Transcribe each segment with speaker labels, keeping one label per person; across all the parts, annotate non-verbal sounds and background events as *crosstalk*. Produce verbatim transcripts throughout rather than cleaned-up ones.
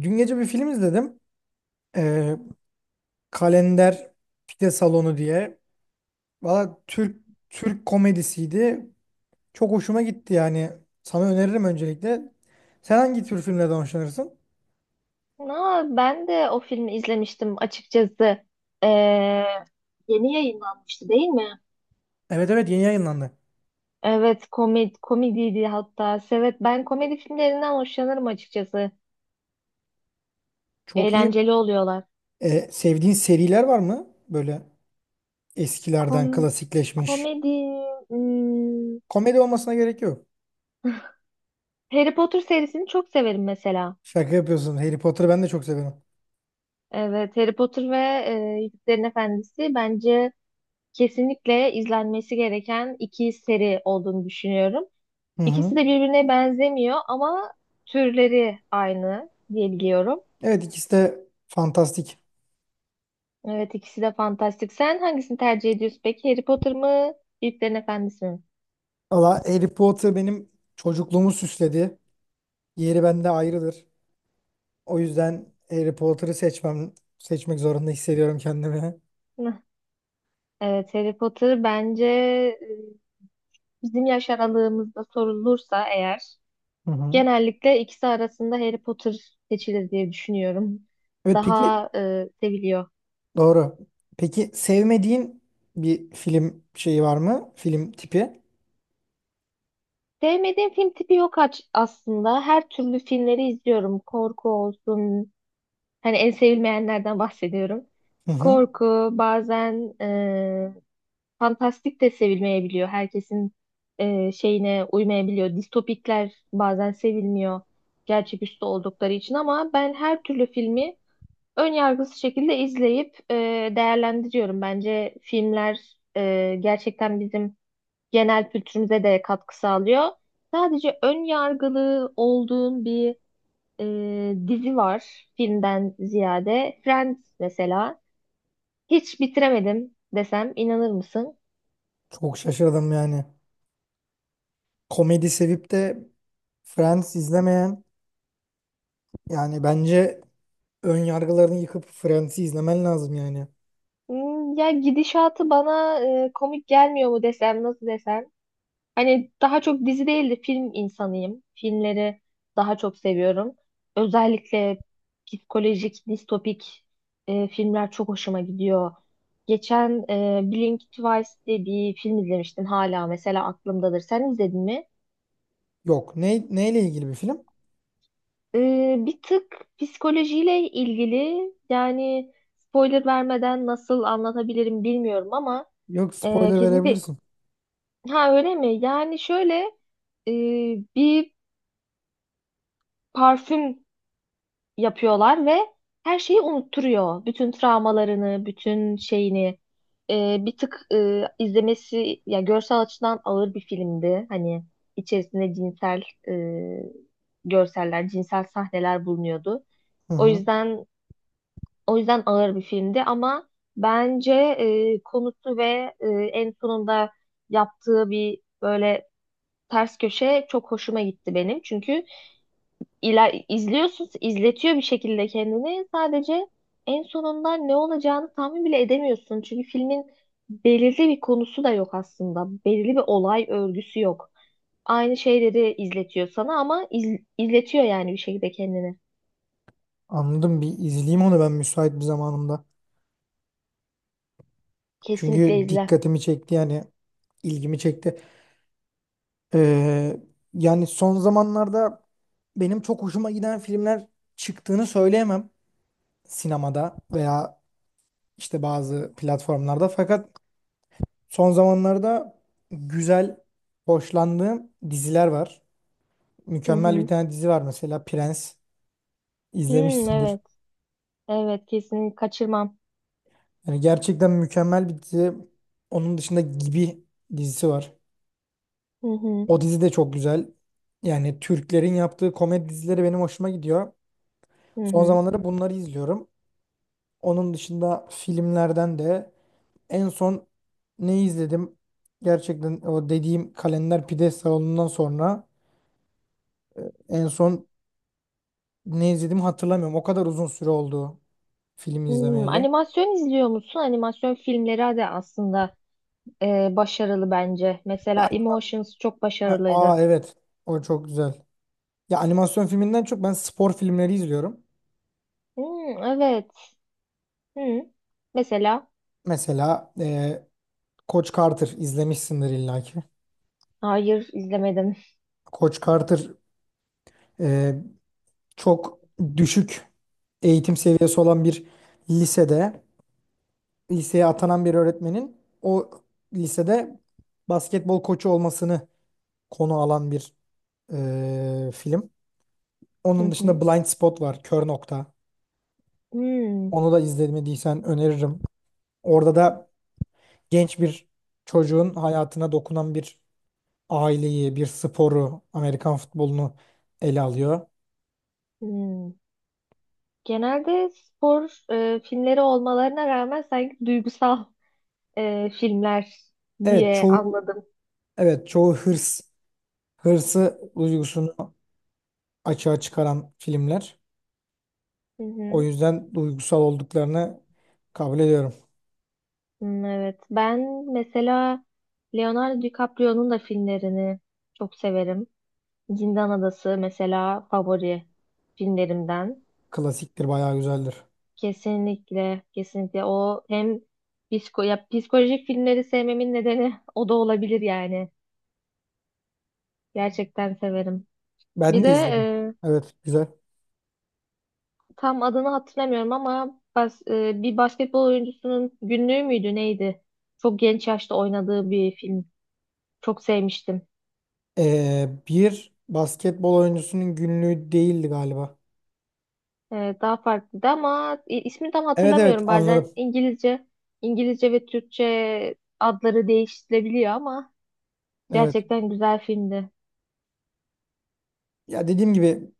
Speaker 1: Dün gece bir film izledim. Ee, Kalender Pide Salonu diye. Valla Türk Türk komedisiydi. Çok hoşuma gitti yani. Sana öneririm öncelikle. Sen hangi tür filmlerden hoşlanırsın?
Speaker 2: Na, ben de o filmi izlemiştim açıkçası. Ee, Yeni yayınlanmıştı değil mi?
Speaker 1: Evet, evet, yeni yayınlandı.
Speaker 2: Evet, komedi komediydi hatta. Evet, ben komedi filmlerinden hoşlanırım açıkçası.
Speaker 1: Çok iyi.
Speaker 2: Eğlenceli oluyorlar.
Speaker 1: Ee, sevdiğin seriler var mı? Böyle
Speaker 2: Kom
Speaker 1: eskilerden klasikleşmiş.
Speaker 2: komedi hmm,
Speaker 1: Komedi olmasına gerek yok.
Speaker 2: Harry Potter serisini çok severim mesela.
Speaker 1: Şaka yapıyorsun. Harry Potter'ı ben de çok severim.
Speaker 2: Evet, Harry Potter ve e, Yüzüklerin Efendisi bence kesinlikle izlenmesi gereken iki seri olduğunu düşünüyorum.
Speaker 1: Hı hı.
Speaker 2: İkisi de birbirine benzemiyor ama türleri aynı diye biliyorum.
Speaker 1: Evet, ikisi de fantastik.
Speaker 2: Evet, ikisi de fantastik. Sen hangisini tercih ediyorsun peki? Harry Potter mı? Yüzüklerin Efendisi mi?
Speaker 1: Valla Harry Potter benim çocukluğumu süsledi. Yeri bende ayrıdır. O yüzden Harry Potter'ı seçmem, seçmek zorunda hissediyorum kendimi.
Speaker 2: Hıh. Evet, Harry Potter bence, e, bizim yaş aralığımızda sorulursa eğer
Speaker 1: Hı hı.
Speaker 2: genellikle ikisi arasında Harry Potter seçilir diye düşünüyorum.
Speaker 1: Evet, peki,
Speaker 2: Daha e, seviliyor.
Speaker 1: doğru. Peki sevmediğin bir film şeyi var mı? Film tipi?
Speaker 2: Sevmediğim film tipi yok aç- aslında. Her türlü filmleri izliyorum. Korku olsun, hani en sevilmeyenlerden bahsediyorum.
Speaker 1: Hı hı.
Speaker 2: Korku bazen, e, fantastik de sevilmeyebiliyor. Herkesin e, şeyine uymayabiliyor. Distopikler bazen sevilmiyor. Gerçeküstü oldukları için ama ben her türlü filmi ön yargısız şekilde izleyip e, değerlendiriyorum. Bence filmler e, gerçekten bizim genel kültürümüze de katkı sağlıyor. Sadece ön yargılı olduğum bir e, dizi var, filmden ziyade. Friends mesela. Hiç bitiremedim desem inanır mısın?
Speaker 1: Çok şaşırdım yani. Komedi sevip de Friends izlemeyen, yani bence ön yargılarını yıkıp Friends'i izlemen lazım yani.
Speaker 2: Hmm, Ya, gidişatı bana e, komik gelmiyor mu, desem nasıl desem. Hani daha çok dizi değil de film insanıyım. Filmleri daha çok seviyorum. Özellikle psikolojik, distopik e, filmler çok hoşuma gidiyor. Geçen e, Blink Twice diye bir film izlemiştim, hala mesela aklımdadır. Sen izledin mi?
Speaker 1: Yok. Ne, neyle ilgili bir film?
Speaker 2: Ee, bir tık psikolojiyle ilgili, yani spoiler vermeden nasıl anlatabilirim bilmiyorum ama
Speaker 1: Yok,
Speaker 2: e,
Speaker 1: spoiler
Speaker 2: kesinlikle.
Speaker 1: verebilirsin.
Speaker 2: Ha, öyle mi? Yani şöyle, e, bir parfüm yapıyorlar ve her şeyi unutturuyor. Bütün travmalarını, bütün şeyini. E, bir tık e, izlemesi, ya görsel açıdan ağır bir filmdi. Hani içerisinde cinsel e, görseller, cinsel sahneler bulunuyordu.
Speaker 1: Hı
Speaker 2: O
Speaker 1: hı.
Speaker 2: yüzden O yüzden ağır bir filmdi ama bence e, konusu ve e, en sonunda yaptığı bir böyle ters köşe çok hoşuma gitti benim. Çünkü iler izliyorsun, izletiyor bir şekilde kendini. Sadece en sonunda ne olacağını tahmin bile edemiyorsun. Çünkü filmin belirli bir konusu da yok aslında. Belirli bir olay örgüsü yok. Aynı şeyleri izletiyor sana ama iz- izletiyor, yani bir şekilde kendini.
Speaker 1: Anladım, bir izleyeyim onu ben müsait bir zamanımda.
Speaker 2: Kesinlikle
Speaker 1: Çünkü
Speaker 2: izle.
Speaker 1: dikkatimi çekti yani, ilgimi çekti. Ee, yani son zamanlarda benim çok hoşuma giden filmler çıktığını söyleyemem sinemada veya işte bazı platformlarda. Fakat son zamanlarda güzel, hoşlandığım diziler var.
Speaker 2: Hı
Speaker 1: Mükemmel bir
Speaker 2: hı.
Speaker 1: tane dizi var mesela, Prens
Speaker 2: Hmm,
Speaker 1: izlemişsindir.
Speaker 2: evet. Evet, kesin kaçırmam.
Speaker 1: Yani gerçekten mükemmel bir dizi. Onun dışında Gibi dizisi var.
Speaker 2: Hı hı,
Speaker 1: O dizi de çok güzel. Yani Türklerin yaptığı komedi dizileri benim hoşuma gidiyor.
Speaker 2: hı
Speaker 1: Son
Speaker 2: hı.
Speaker 1: zamanlarda bunları izliyorum. Onun dışında filmlerden de en son ne izledim? Gerçekten o dediğim Kalender Pide Salonu'ndan sonra en son ne izlediğimi hatırlamıyorum. O kadar uzun süre oldu film
Speaker 2: Hmm,
Speaker 1: izlemeyeli.
Speaker 2: animasyon izliyor musun? Animasyon filmleri de aslında e, başarılı bence.
Speaker 1: Ya,
Speaker 2: Mesela Emotions çok
Speaker 1: ha, aa
Speaker 2: başarılıydı.
Speaker 1: evet, o çok güzel. Ya animasyon filminden çok ben spor filmleri izliyorum.
Speaker 2: Hmm, evet. Hı. Mesela.
Speaker 1: Mesela e, Coach Carter izlemişsindir illaki.
Speaker 2: Hayır, izlemedim.
Speaker 1: Coach Carter e, çok düşük eğitim seviyesi olan bir lisede, liseye atanan bir öğretmenin o lisede basketbol koçu olmasını konu alan bir e, film.
Speaker 2: Hı
Speaker 1: Onun dışında
Speaker 2: hı.
Speaker 1: Blind Spot var, Kör Nokta.
Speaker 2: Hmm,
Speaker 1: Onu da izlemediysen öneririm. Orada da genç bir çocuğun hayatına dokunan bir aileyi, bir sporu, Amerikan futbolunu ele alıyor.
Speaker 2: hmm. Genelde spor e, filmleri olmalarına rağmen sanki duygusal e, filmler
Speaker 1: Evet,
Speaker 2: diye
Speaker 1: çoğu,
Speaker 2: anladım.
Speaker 1: evet çoğu hırs, hırsı duygusunu açığa çıkaran filmler.
Speaker 2: Hı
Speaker 1: O
Speaker 2: hı.
Speaker 1: yüzden duygusal olduklarını kabul ediyorum.
Speaker 2: Hmm, evet. Ben mesela Leonardo DiCaprio'nun da filmlerini çok severim. Zindan Adası mesela favori filmlerimden.
Speaker 1: Klasiktir, bayağı güzeldir.
Speaker 2: Kesinlikle, kesinlikle, o hem psiko ya psikolojik filmleri sevmemin nedeni *laughs* o da olabilir yani. Gerçekten severim. Bir
Speaker 1: Ben
Speaker 2: de
Speaker 1: de izledim.
Speaker 2: e,
Speaker 1: Evet, güzel.
Speaker 2: tam adını hatırlamıyorum ama bas, e, bir basketbol oyuncusunun günlüğü müydü neydi? Çok genç yaşta oynadığı bir film. Çok sevmiştim.
Speaker 1: Ee, bir basketbol oyuncusunun günlüğü değildi galiba.
Speaker 2: Ee, daha farklıydı ama i- ismini tam
Speaker 1: Evet, evet,
Speaker 2: hatırlamıyorum. Bazen
Speaker 1: anladım.
Speaker 2: İngilizce, İngilizce ve Türkçe adları değiştirilebiliyor ama
Speaker 1: Evet.
Speaker 2: gerçekten güzel filmdi.
Speaker 1: Ya dediğim gibi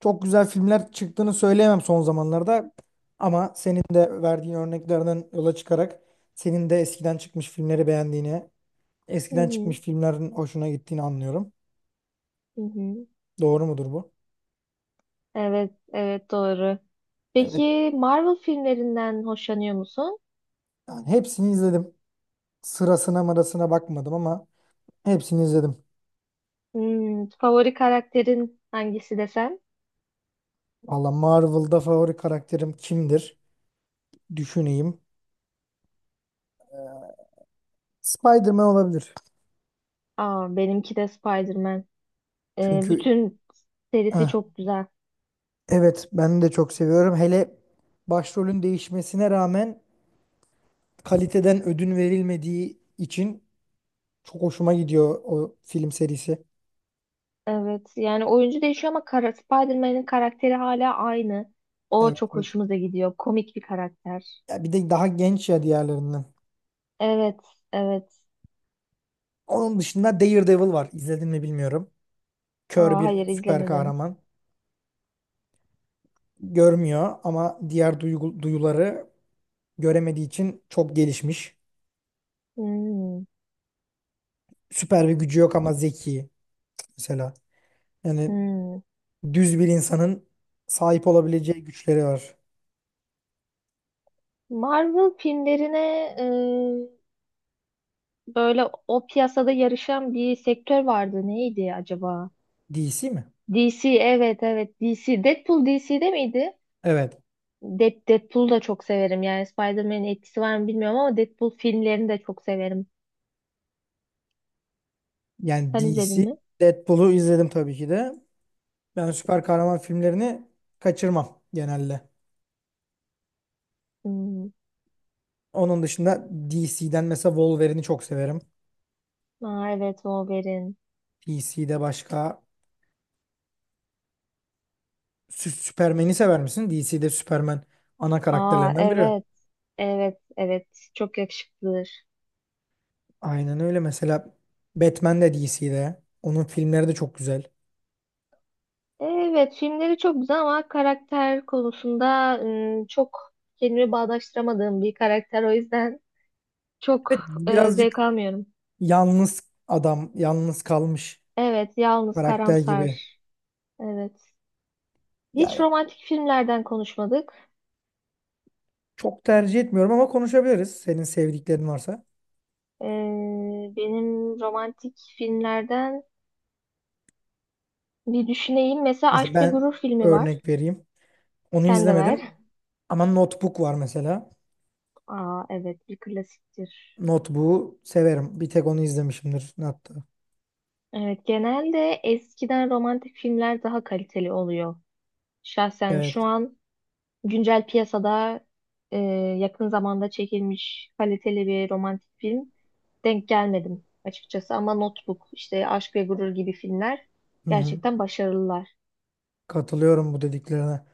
Speaker 1: çok güzel filmler çıktığını söyleyemem son zamanlarda. Ama senin de verdiğin örneklerden yola çıkarak senin de eskiden çıkmış filmleri beğendiğini,
Speaker 2: Hı
Speaker 1: eskiden
Speaker 2: hı,
Speaker 1: çıkmış filmlerin hoşuna gittiğini anlıyorum.
Speaker 2: hı hı.
Speaker 1: Doğru mudur bu?
Speaker 2: Evet, evet, doğru.
Speaker 1: Evet.
Speaker 2: Peki, Marvel filmlerinden hoşlanıyor musun?
Speaker 1: Yani hepsini izledim. Sırasına mırasına bakmadım ama hepsini izledim.
Speaker 2: Hmm, favori karakterin hangisi desem?
Speaker 1: Valla Marvel'da favori karakterim kimdir? Düşüneyim. Spider-Man olabilir.
Speaker 2: Aa, benimki de Spider-Man. Ee,
Speaker 1: Çünkü
Speaker 2: bütün serisi
Speaker 1: heh,
Speaker 2: çok güzel.
Speaker 1: evet, ben de çok seviyorum. Hele başrolün değişmesine rağmen kaliteden ödün verilmediği için çok hoşuma gidiyor o film serisi.
Speaker 2: Evet, yani oyuncu değişiyor ama kara, Spider-Man'in karakteri hala aynı. O
Speaker 1: Evet,
Speaker 2: çok
Speaker 1: evet.
Speaker 2: hoşumuza gidiyor. Komik bir karakter.
Speaker 1: Ya bir de daha genç ya diğerlerinden.
Speaker 2: Evet, evet.
Speaker 1: Onun dışında Daredevil var. İzledin mi bilmiyorum. Kör
Speaker 2: Aa,
Speaker 1: bir
Speaker 2: hayır
Speaker 1: süper
Speaker 2: izlemedim.
Speaker 1: kahraman. Görmüyor ama diğer duygu- duyuları göremediği için çok gelişmiş.
Speaker 2: Hmm,
Speaker 1: Süper bir gücü yok ama zeki mesela. Yani
Speaker 2: hmm.
Speaker 1: düz bir insanın sahip olabileceği güçleri var.
Speaker 2: Marvel filmlerine, e, böyle, o piyasada yarışan bir sektör vardı. Neydi acaba?
Speaker 1: D C mi?
Speaker 2: D C. Evet, evet, D C. Deadpool D C'de miydi?
Speaker 1: Evet.
Speaker 2: Dead, Deadpool'u da çok severim. Yani Spider-Man'in etkisi var mı bilmiyorum ama Deadpool filmlerini de çok severim.
Speaker 1: Yani
Speaker 2: Sen izledin
Speaker 1: D C,
Speaker 2: mi?
Speaker 1: Deadpool'u izledim tabii ki de. Ben süper kahraman filmlerini kaçırmam genelde.
Speaker 2: Hmm.
Speaker 1: Onun dışında D C'den mesela Wolverine'i çok severim.
Speaker 2: Aa, evet, Wolverine.
Speaker 1: D C'de başka, Sü- Superman'i sever misin? D C'de Superman ana
Speaker 2: Aa,
Speaker 1: karakterlerinden biri.
Speaker 2: evet. Evet, evet. Çok yakışıklıdır.
Speaker 1: Aynen öyle. Mesela Batman de D C'de. Onun filmleri de çok güzel.
Speaker 2: Evet, filmleri çok güzel ama karakter konusunda ım, çok kendimi bağdaştıramadığım bir karakter. O yüzden çok
Speaker 1: Evet,
Speaker 2: e,
Speaker 1: birazcık
Speaker 2: zevk almıyorum.
Speaker 1: yalnız adam, yalnız kalmış
Speaker 2: Evet, yalnız,
Speaker 1: karakter gibi.
Speaker 2: karamsar. Evet. Hiç
Speaker 1: Yani
Speaker 2: romantik filmlerden konuşmadık.
Speaker 1: çok tercih etmiyorum ama konuşabiliriz. Senin sevdiklerin varsa.
Speaker 2: Ee, Benim romantik filmlerden, bir düşüneyim. Mesela
Speaker 1: Mesela
Speaker 2: Aşk ve
Speaker 1: ben
Speaker 2: Gurur filmi var.
Speaker 1: örnek vereyim. Onu
Speaker 2: Sen de
Speaker 1: izlemedim
Speaker 2: ver.
Speaker 1: ama Notebook var mesela.
Speaker 2: Aa, evet, bir klasiktir.
Speaker 1: Notebook'u severim. Bir tek onu izlemişimdir hatta.
Speaker 2: Evet, genelde eskiden romantik filmler daha kaliteli oluyor. Şahsen şu
Speaker 1: Evet.
Speaker 2: an güncel piyasada e, yakın zamanda çekilmiş kaliteli bir romantik film denk gelmedim açıkçası. Ama Notebook, işte Aşk ve Gurur gibi filmler
Speaker 1: Hı hı.
Speaker 2: gerçekten başarılılar.
Speaker 1: Katılıyorum bu dediklerine.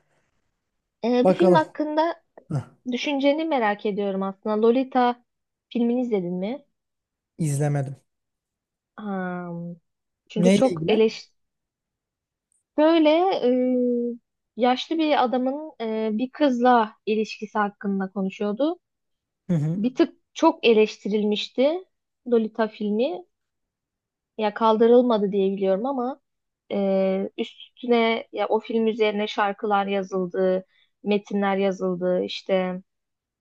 Speaker 2: E, bir film
Speaker 1: Bakalım.
Speaker 2: hakkında
Speaker 1: Heh,
Speaker 2: düşünceni merak ediyorum aslında. Lolita filmini izledin mi?
Speaker 1: izlemedim.
Speaker 2: Ha, çünkü
Speaker 1: Neyle
Speaker 2: çok
Speaker 1: ilgili?
Speaker 2: eleş Böyle, e, yaşlı bir adamın e, bir kızla ilişkisi hakkında konuşuyordu.
Speaker 1: Hı hı.
Speaker 2: Bir tık çok eleştirilmişti Lolita filmi. Ya kaldırılmadı diye biliyorum ama, e, üstüne, ya, o film üzerine şarkılar yazıldı, metinler yazıldı, işte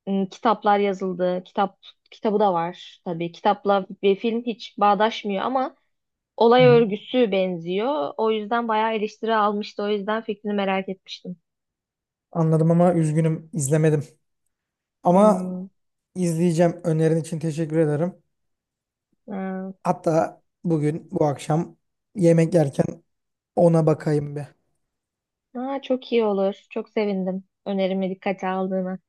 Speaker 2: m, kitaplar yazıldı. Kitap kitabı da var tabii. Kitapla bir film hiç bağdaşmıyor ama
Speaker 1: Hı
Speaker 2: olay
Speaker 1: hı.
Speaker 2: örgüsü benziyor. O yüzden bayağı eleştiri almıştı. O yüzden fikrini merak etmiştim.
Speaker 1: Anladım ama üzgünüm, izlemedim. Ama
Speaker 2: Hmm,
Speaker 1: izleyeceğim. Önerin için teşekkür ederim.
Speaker 2: ha.
Speaker 1: Hatta bugün, bu akşam yemek yerken ona bakayım bir.
Speaker 2: Ha, çok iyi olur. Çok sevindim önerimi dikkate aldığına.